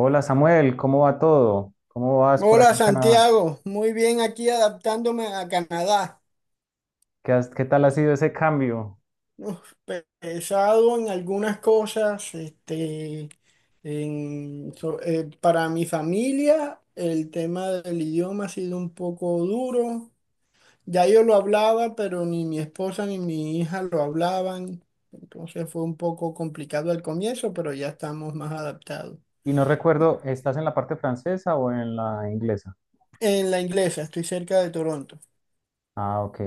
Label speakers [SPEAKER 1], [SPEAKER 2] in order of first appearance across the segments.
[SPEAKER 1] Hola Samuel, ¿cómo va todo? ¿Cómo vas por
[SPEAKER 2] Hola
[SPEAKER 1] allá en Canadá?
[SPEAKER 2] Santiago, muy bien aquí adaptándome a Canadá.
[SPEAKER 1] ¿Qué tal ha sido ese cambio?
[SPEAKER 2] Uf, pesado en algunas cosas, para mi familia el tema del idioma ha sido un poco duro. Ya yo lo hablaba, pero ni mi esposa ni mi hija lo hablaban. Entonces fue un poco complicado al comienzo, pero ya estamos más adaptados.
[SPEAKER 1] Y no recuerdo, ¿estás en la parte francesa o en la inglesa?
[SPEAKER 2] En la inglesa, estoy cerca de Toronto.
[SPEAKER 1] Ah, ok.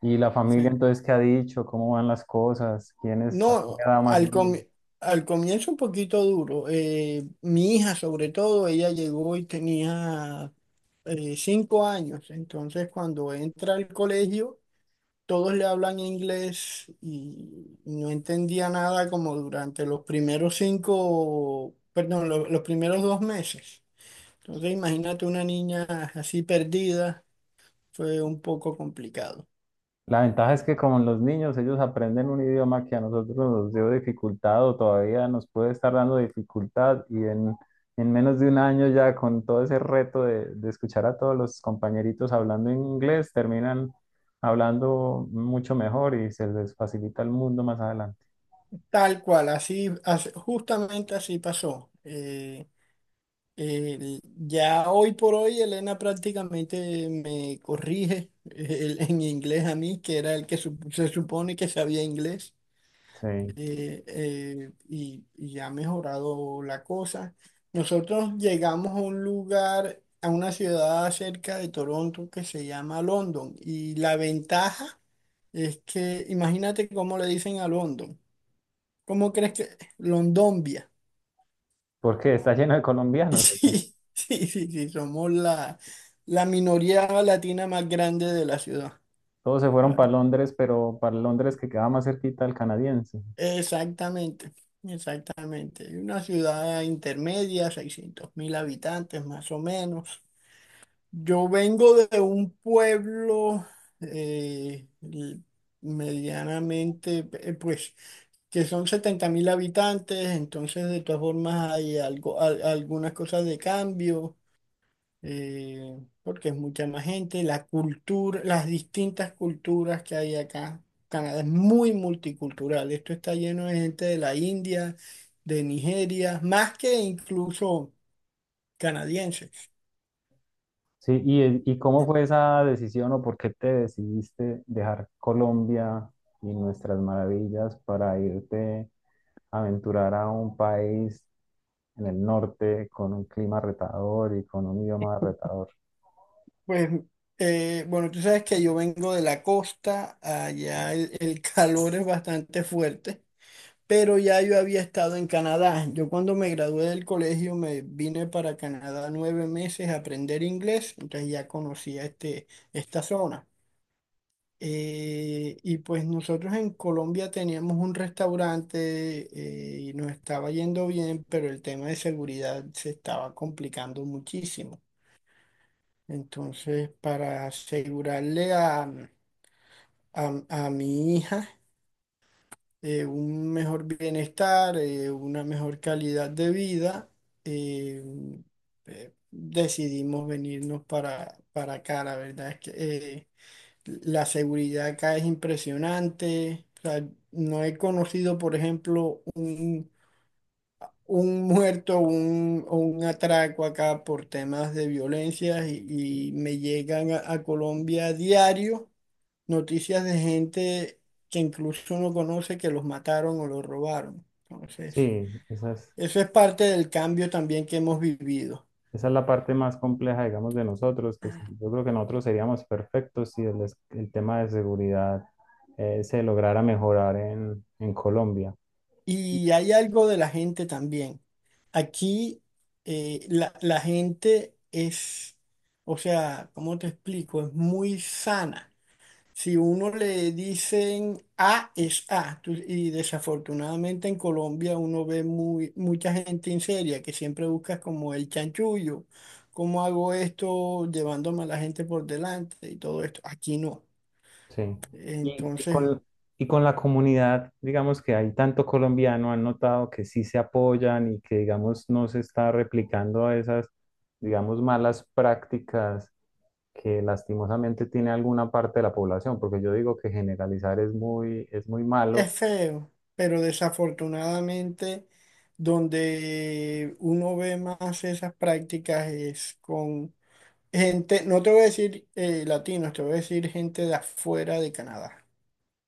[SPEAKER 1] ¿Y la
[SPEAKER 2] Sí.
[SPEAKER 1] familia entonces qué ha dicho? ¿Cómo van las cosas? ¿Quiénes ha
[SPEAKER 2] No,
[SPEAKER 1] dado más
[SPEAKER 2] al
[SPEAKER 1] duro?
[SPEAKER 2] comi- al comienzo un poquito duro. Mi hija sobre todo, ella llegó y tenía 5 años. Entonces cuando entra al colegio, todos le hablan inglés y no entendía nada como durante los primeros cinco, perdón, los primeros 2 meses. Entonces imagínate una niña así perdida, fue un poco complicado.
[SPEAKER 1] La ventaja es que como los niños, ellos aprenden un idioma que a nosotros nos dio dificultad o todavía nos puede estar dando dificultad en menos de un año ya con todo ese reto de escuchar a todos los compañeritos hablando en inglés, terminan hablando mucho mejor y se les facilita el mundo más adelante.
[SPEAKER 2] Tal cual, así, justamente así pasó. Ya hoy por hoy Elena prácticamente me corrige en inglés a mí, que era el que se supone que sabía inglés,
[SPEAKER 1] Sí,
[SPEAKER 2] y ha mejorado la cosa. Nosotros llegamos a un lugar, a una ciudad cerca de Toronto que se llama London, y la ventaja es que, imagínate cómo le dicen a London, ¿cómo crees que? Londombia.
[SPEAKER 1] porque está lleno de colombianos, ¿o qué?
[SPEAKER 2] Sí, sí, sí, sí, somos la minoría latina más grande de la ciudad.
[SPEAKER 1] Todos se fueron para
[SPEAKER 2] Ah,
[SPEAKER 1] Londres, pero para Londres que quedaba más cerquita al canadiense.
[SPEAKER 2] exactamente, exactamente. Una ciudad intermedia, 600.000 habitantes más o menos. Yo vengo de un pueblo eh, l- medianamente, pues, que son 70.000 habitantes, entonces de todas formas hay algo, algunas cosas de cambio. Porque es mucha más gente, la cultura, las distintas culturas que hay acá. Canadá es muy multicultural, esto está lleno de gente de la India, de Nigeria, más que incluso canadienses.
[SPEAKER 1] Sí, ¿y cómo fue esa decisión o por qué te decidiste dejar Colombia y nuestras maravillas para irte a aventurar a un país en el norte con un clima retador y con un idioma retador?
[SPEAKER 2] Pues, bueno, tú sabes que yo vengo de la costa, allá el calor es bastante fuerte. Pero ya yo había estado en Canadá. Yo cuando me gradué del colegio me vine para Canadá 9 meses a aprender inglés, entonces ya conocía esta zona. Y pues nosotros en Colombia teníamos un restaurante y nos estaba yendo bien, pero el tema de seguridad se estaba complicando muchísimo. Entonces, para asegurarle a mi hija, un mejor bienestar, una mejor calidad de vida, eh, decidimos venirnos para acá. La verdad es que la seguridad acá es impresionante. O sea, no he conocido, por ejemplo, un muerto o un atraco acá por temas de violencia , y me llegan a Colombia a diario noticias de gente que incluso uno conoce que los mataron o los robaron. Entonces,
[SPEAKER 1] Sí,
[SPEAKER 2] eso es parte del cambio también que hemos vivido.
[SPEAKER 1] esa es la parte más compleja, digamos, de nosotros, que sí, yo creo que nosotros seríamos perfectos si el tema de seguridad se lograra mejorar en Colombia.
[SPEAKER 2] Y hay algo de la gente también. Aquí la gente es, o sea, ¿cómo te explico? Es muy sana. Si uno le dicen A es A, y desafortunadamente en Colombia uno ve muy, mucha gente seria que siempre busca como el chanchullo, cómo hago esto llevándome a la gente por delante y todo esto. Aquí no.
[SPEAKER 1] Sí. Y, y
[SPEAKER 2] Entonces
[SPEAKER 1] con, y con la comunidad, digamos que hay tanto colombiano, han notado que sí se apoyan y que, digamos, no se está replicando esas, digamos, malas prácticas que lastimosamente tiene alguna parte de la población, porque yo digo que generalizar es muy malo.
[SPEAKER 2] es feo, pero desafortunadamente donde uno ve más esas prácticas es con gente, no te voy a decir latinos, te voy a decir gente de afuera de Canadá.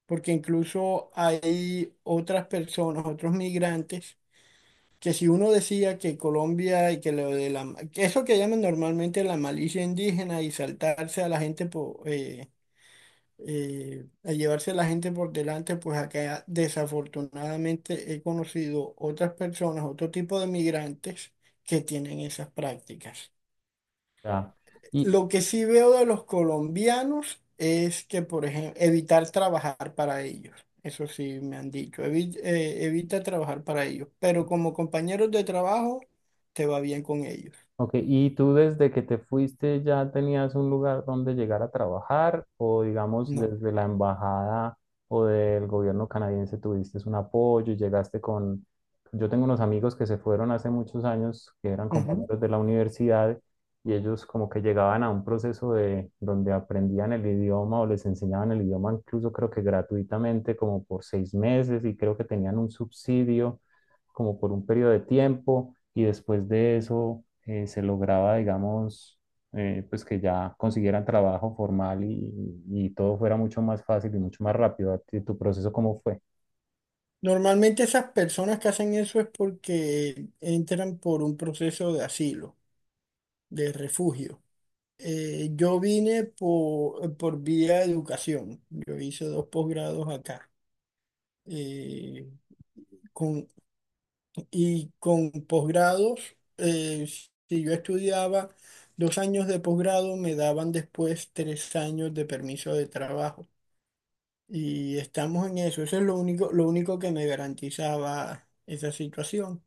[SPEAKER 2] Porque incluso hay otras personas, otros migrantes, que si uno decía que Colombia y que lo de la, que eso que llaman normalmente la malicia indígena y saltarse a la gente por, a llevarse a la gente por delante, pues acá desafortunadamente he conocido otras personas, otro tipo de migrantes que tienen esas prácticas.
[SPEAKER 1] Ya. Y,
[SPEAKER 2] Lo que sí veo de los colombianos es que, por ejemplo, evitar trabajar para ellos. Eso sí me han dicho, Evita trabajar para ellos". Pero como compañeros de trabajo, te va bien con ellos.
[SPEAKER 1] ok, ¿y tú desde que te fuiste ya tenías un lugar donde llegar a trabajar o digamos
[SPEAKER 2] No.
[SPEAKER 1] desde la embajada o del gobierno canadiense tuviste un apoyo y llegaste con... Yo tengo unos amigos que se fueron hace muchos años que eran
[SPEAKER 2] Ujú.
[SPEAKER 1] compañeros de la universidad y ellos como que llegaban a un proceso de donde aprendían el idioma o les enseñaban el idioma, incluso creo que gratuitamente como por 6 meses, y creo que tenían un subsidio como por un periodo de tiempo y después de eso se lograba, digamos, pues que ya consiguieran trabajo formal y todo fuera mucho más fácil y mucho más rápido. ¿A ti, tu proceso cómo fue?
[SPEAKER 2] Normalmente esas personas que hacen eso es porque entran por un proceso de asilo, de refugio. Yo vine por vía de educación. Yo hice dos posgrados acá. Eh, con y con posgrados, eh, si yo estudiaba 2 años de posgrado, me daban después 3 años de permiso de trabajo. Y estamos en eso. Eso es lo único que me garantizaba esa situación.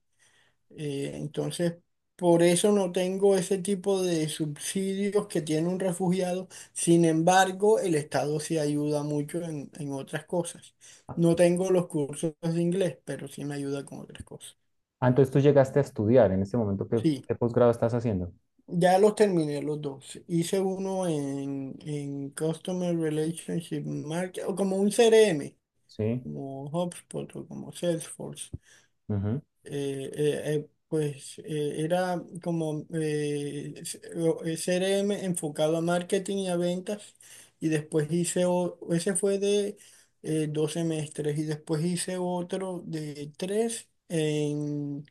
[SPEAKER 2] Entonces, por eso no tengo ese tipo de subsidios que tiene un refugiado. Sin embargo, el Estado sí ayuda mucho en otras cosas. No tengo los cursos de inglés, pero sí me ayuda con otras cosas.
[SPEAKER 1] Ah, entonces tú llegaste a estudiar. En este momento,
[SPEAKER 2] Sí.
[SPEAKER 1] ¿qué posgrado estás haciendo?
[SPEAKER 2] Ya los terminé los dos. Hice uno en Customer Relationship Market, o como un CRM,
[SPEAKER 1] Sí.
[SPEAKER 2] como HubSpot o como Salesforce
[SPEAKER 1] Ujú.
[SPEAKER 2] pues era como CRM enfocado a marketing y a ventas y después hice, ese fue de 2 semestres y después hice otro de tres en,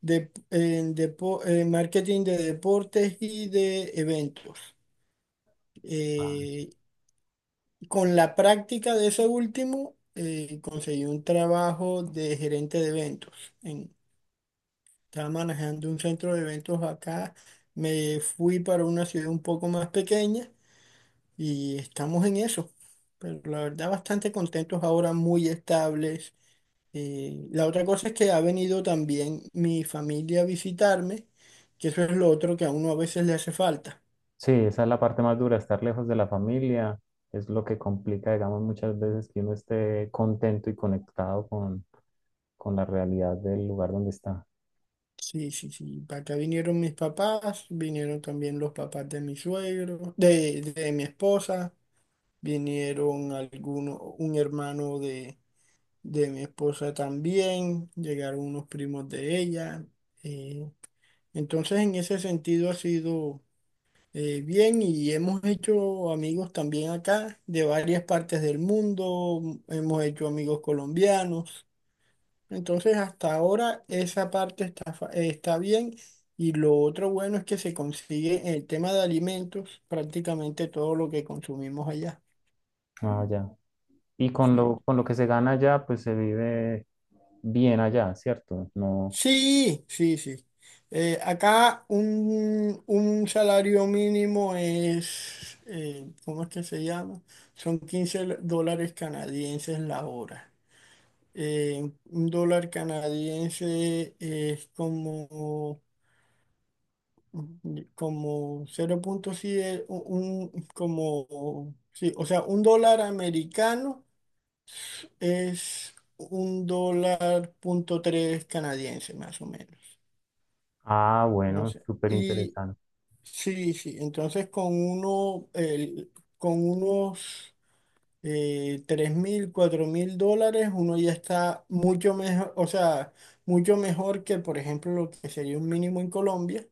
[SPEAKER 2] de, en depo- en marketing de deportes y de eventos.
[SPEAKER 1] Ah,
[SPEAKER 2] Eh, con la práctica de ese último conseguí un trabajo de gerente de eventos. Estaba manejando un centro de eventos acá, me fui para una ciudad un poco más pequeña y estamos en eso. Pero la verdad bastante contentos ahora, muy estables. La otra cosa es que ha venido también mi familia a visitarme, que eso es lo otro que a uno a veces le hace falta.
[SPEAKER 1] sí, esa es la parte más dura, estar lejos de la familia es lo que complica, digamos, muchas veces que uno esté contento y conectado con la realidad del lugar donde está.
[SPEAKER 2] Sí, sí, sí. Para acá vinieron mis papás, vinieron también los papás de mi suegro, de mi esposa, vinieron algunos, un hermano de mi esposa también, llegaron unos primos de ella. eh, entonces, en ese sentido ha sido bien, y hemos hecho amigos también acá de varias partes del mundo, hemos hecho amigos colombianos. Entonces, hasta ahora esa parte está, está bien. Y lo otro bueno es que se consigue en el tema de alimentos prácticamente todo lo que consumimos allá.
[SPEAKER 1] Ah, ya. Y
[SPEAKER 2] Sí.
[SPEAKER 1] con lo que se gana allá, pues se vive bien allá, ¿cierto? No.
[SPEAKER 2] Sí, sí, sí. Acá un salario mínimo es, ¿cómo es que se llama? Son dólares canadienses la hora. Un dólar canadiense es como, como 0.7, como, sí, o sea, un dólar americano es un dólar punto tres canadiense, más o menos.
[SPEAKER 1] Ah,
[SPEAKER 2] No
[SPEAKER 1] bueno,
[SPEAKER 2] sé.
[SPEAKER 1] súper interesante.
[SPEAKER 2] Sí, sí. Entonces con uno, con unos 3.000, 4.000 dólares, uno ya está mucho mejor, o sea, mucho mejor que, por ejemplo, lo que sería un mínimo en Colombia,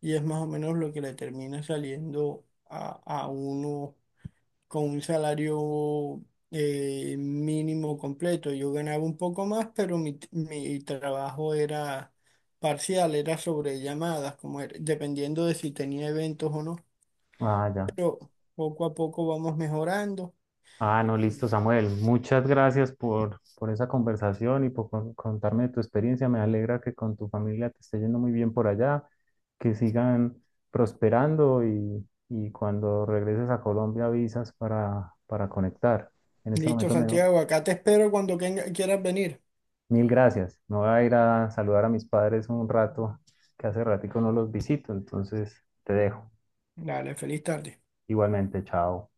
[SPEAKER 2] y es más o menos lo que le termina saliendo a uno con un salario mínimo completo. Yo ganaba un poco más, pero mi trabajo era parcial, era sobre llamadas, como dependiendo de si tenía eventos o no.
[SPEAKER 1] Ah, ya.
[SPEAKER 2] Yo, Poco a poco vamos mejorando.
[SPEAKER 1] Ah, no, listo, Samuel. Muchas gracias por esa conversación y por contarme de tu experiencia. Me alegra que con tu familia te esté yendo muy bien por allá, que sigan prosperando y cuando regreses a Colombia avisas para conectar. En este
[SPEAKER 2] Listo,
[SPEAKER 1] momento me,
[SPEAKER 2] Santiago, acá te espero cuando quieras venir.
[SPEAKER 1] mil gracias. Me voy a ir a saludar a mis padres un rato, que hace ratico no los visito, entonces te dejo.
[SPEAKER 2] Dale, feliz tarde.
[SPEAKER 1] Igualmente, chao.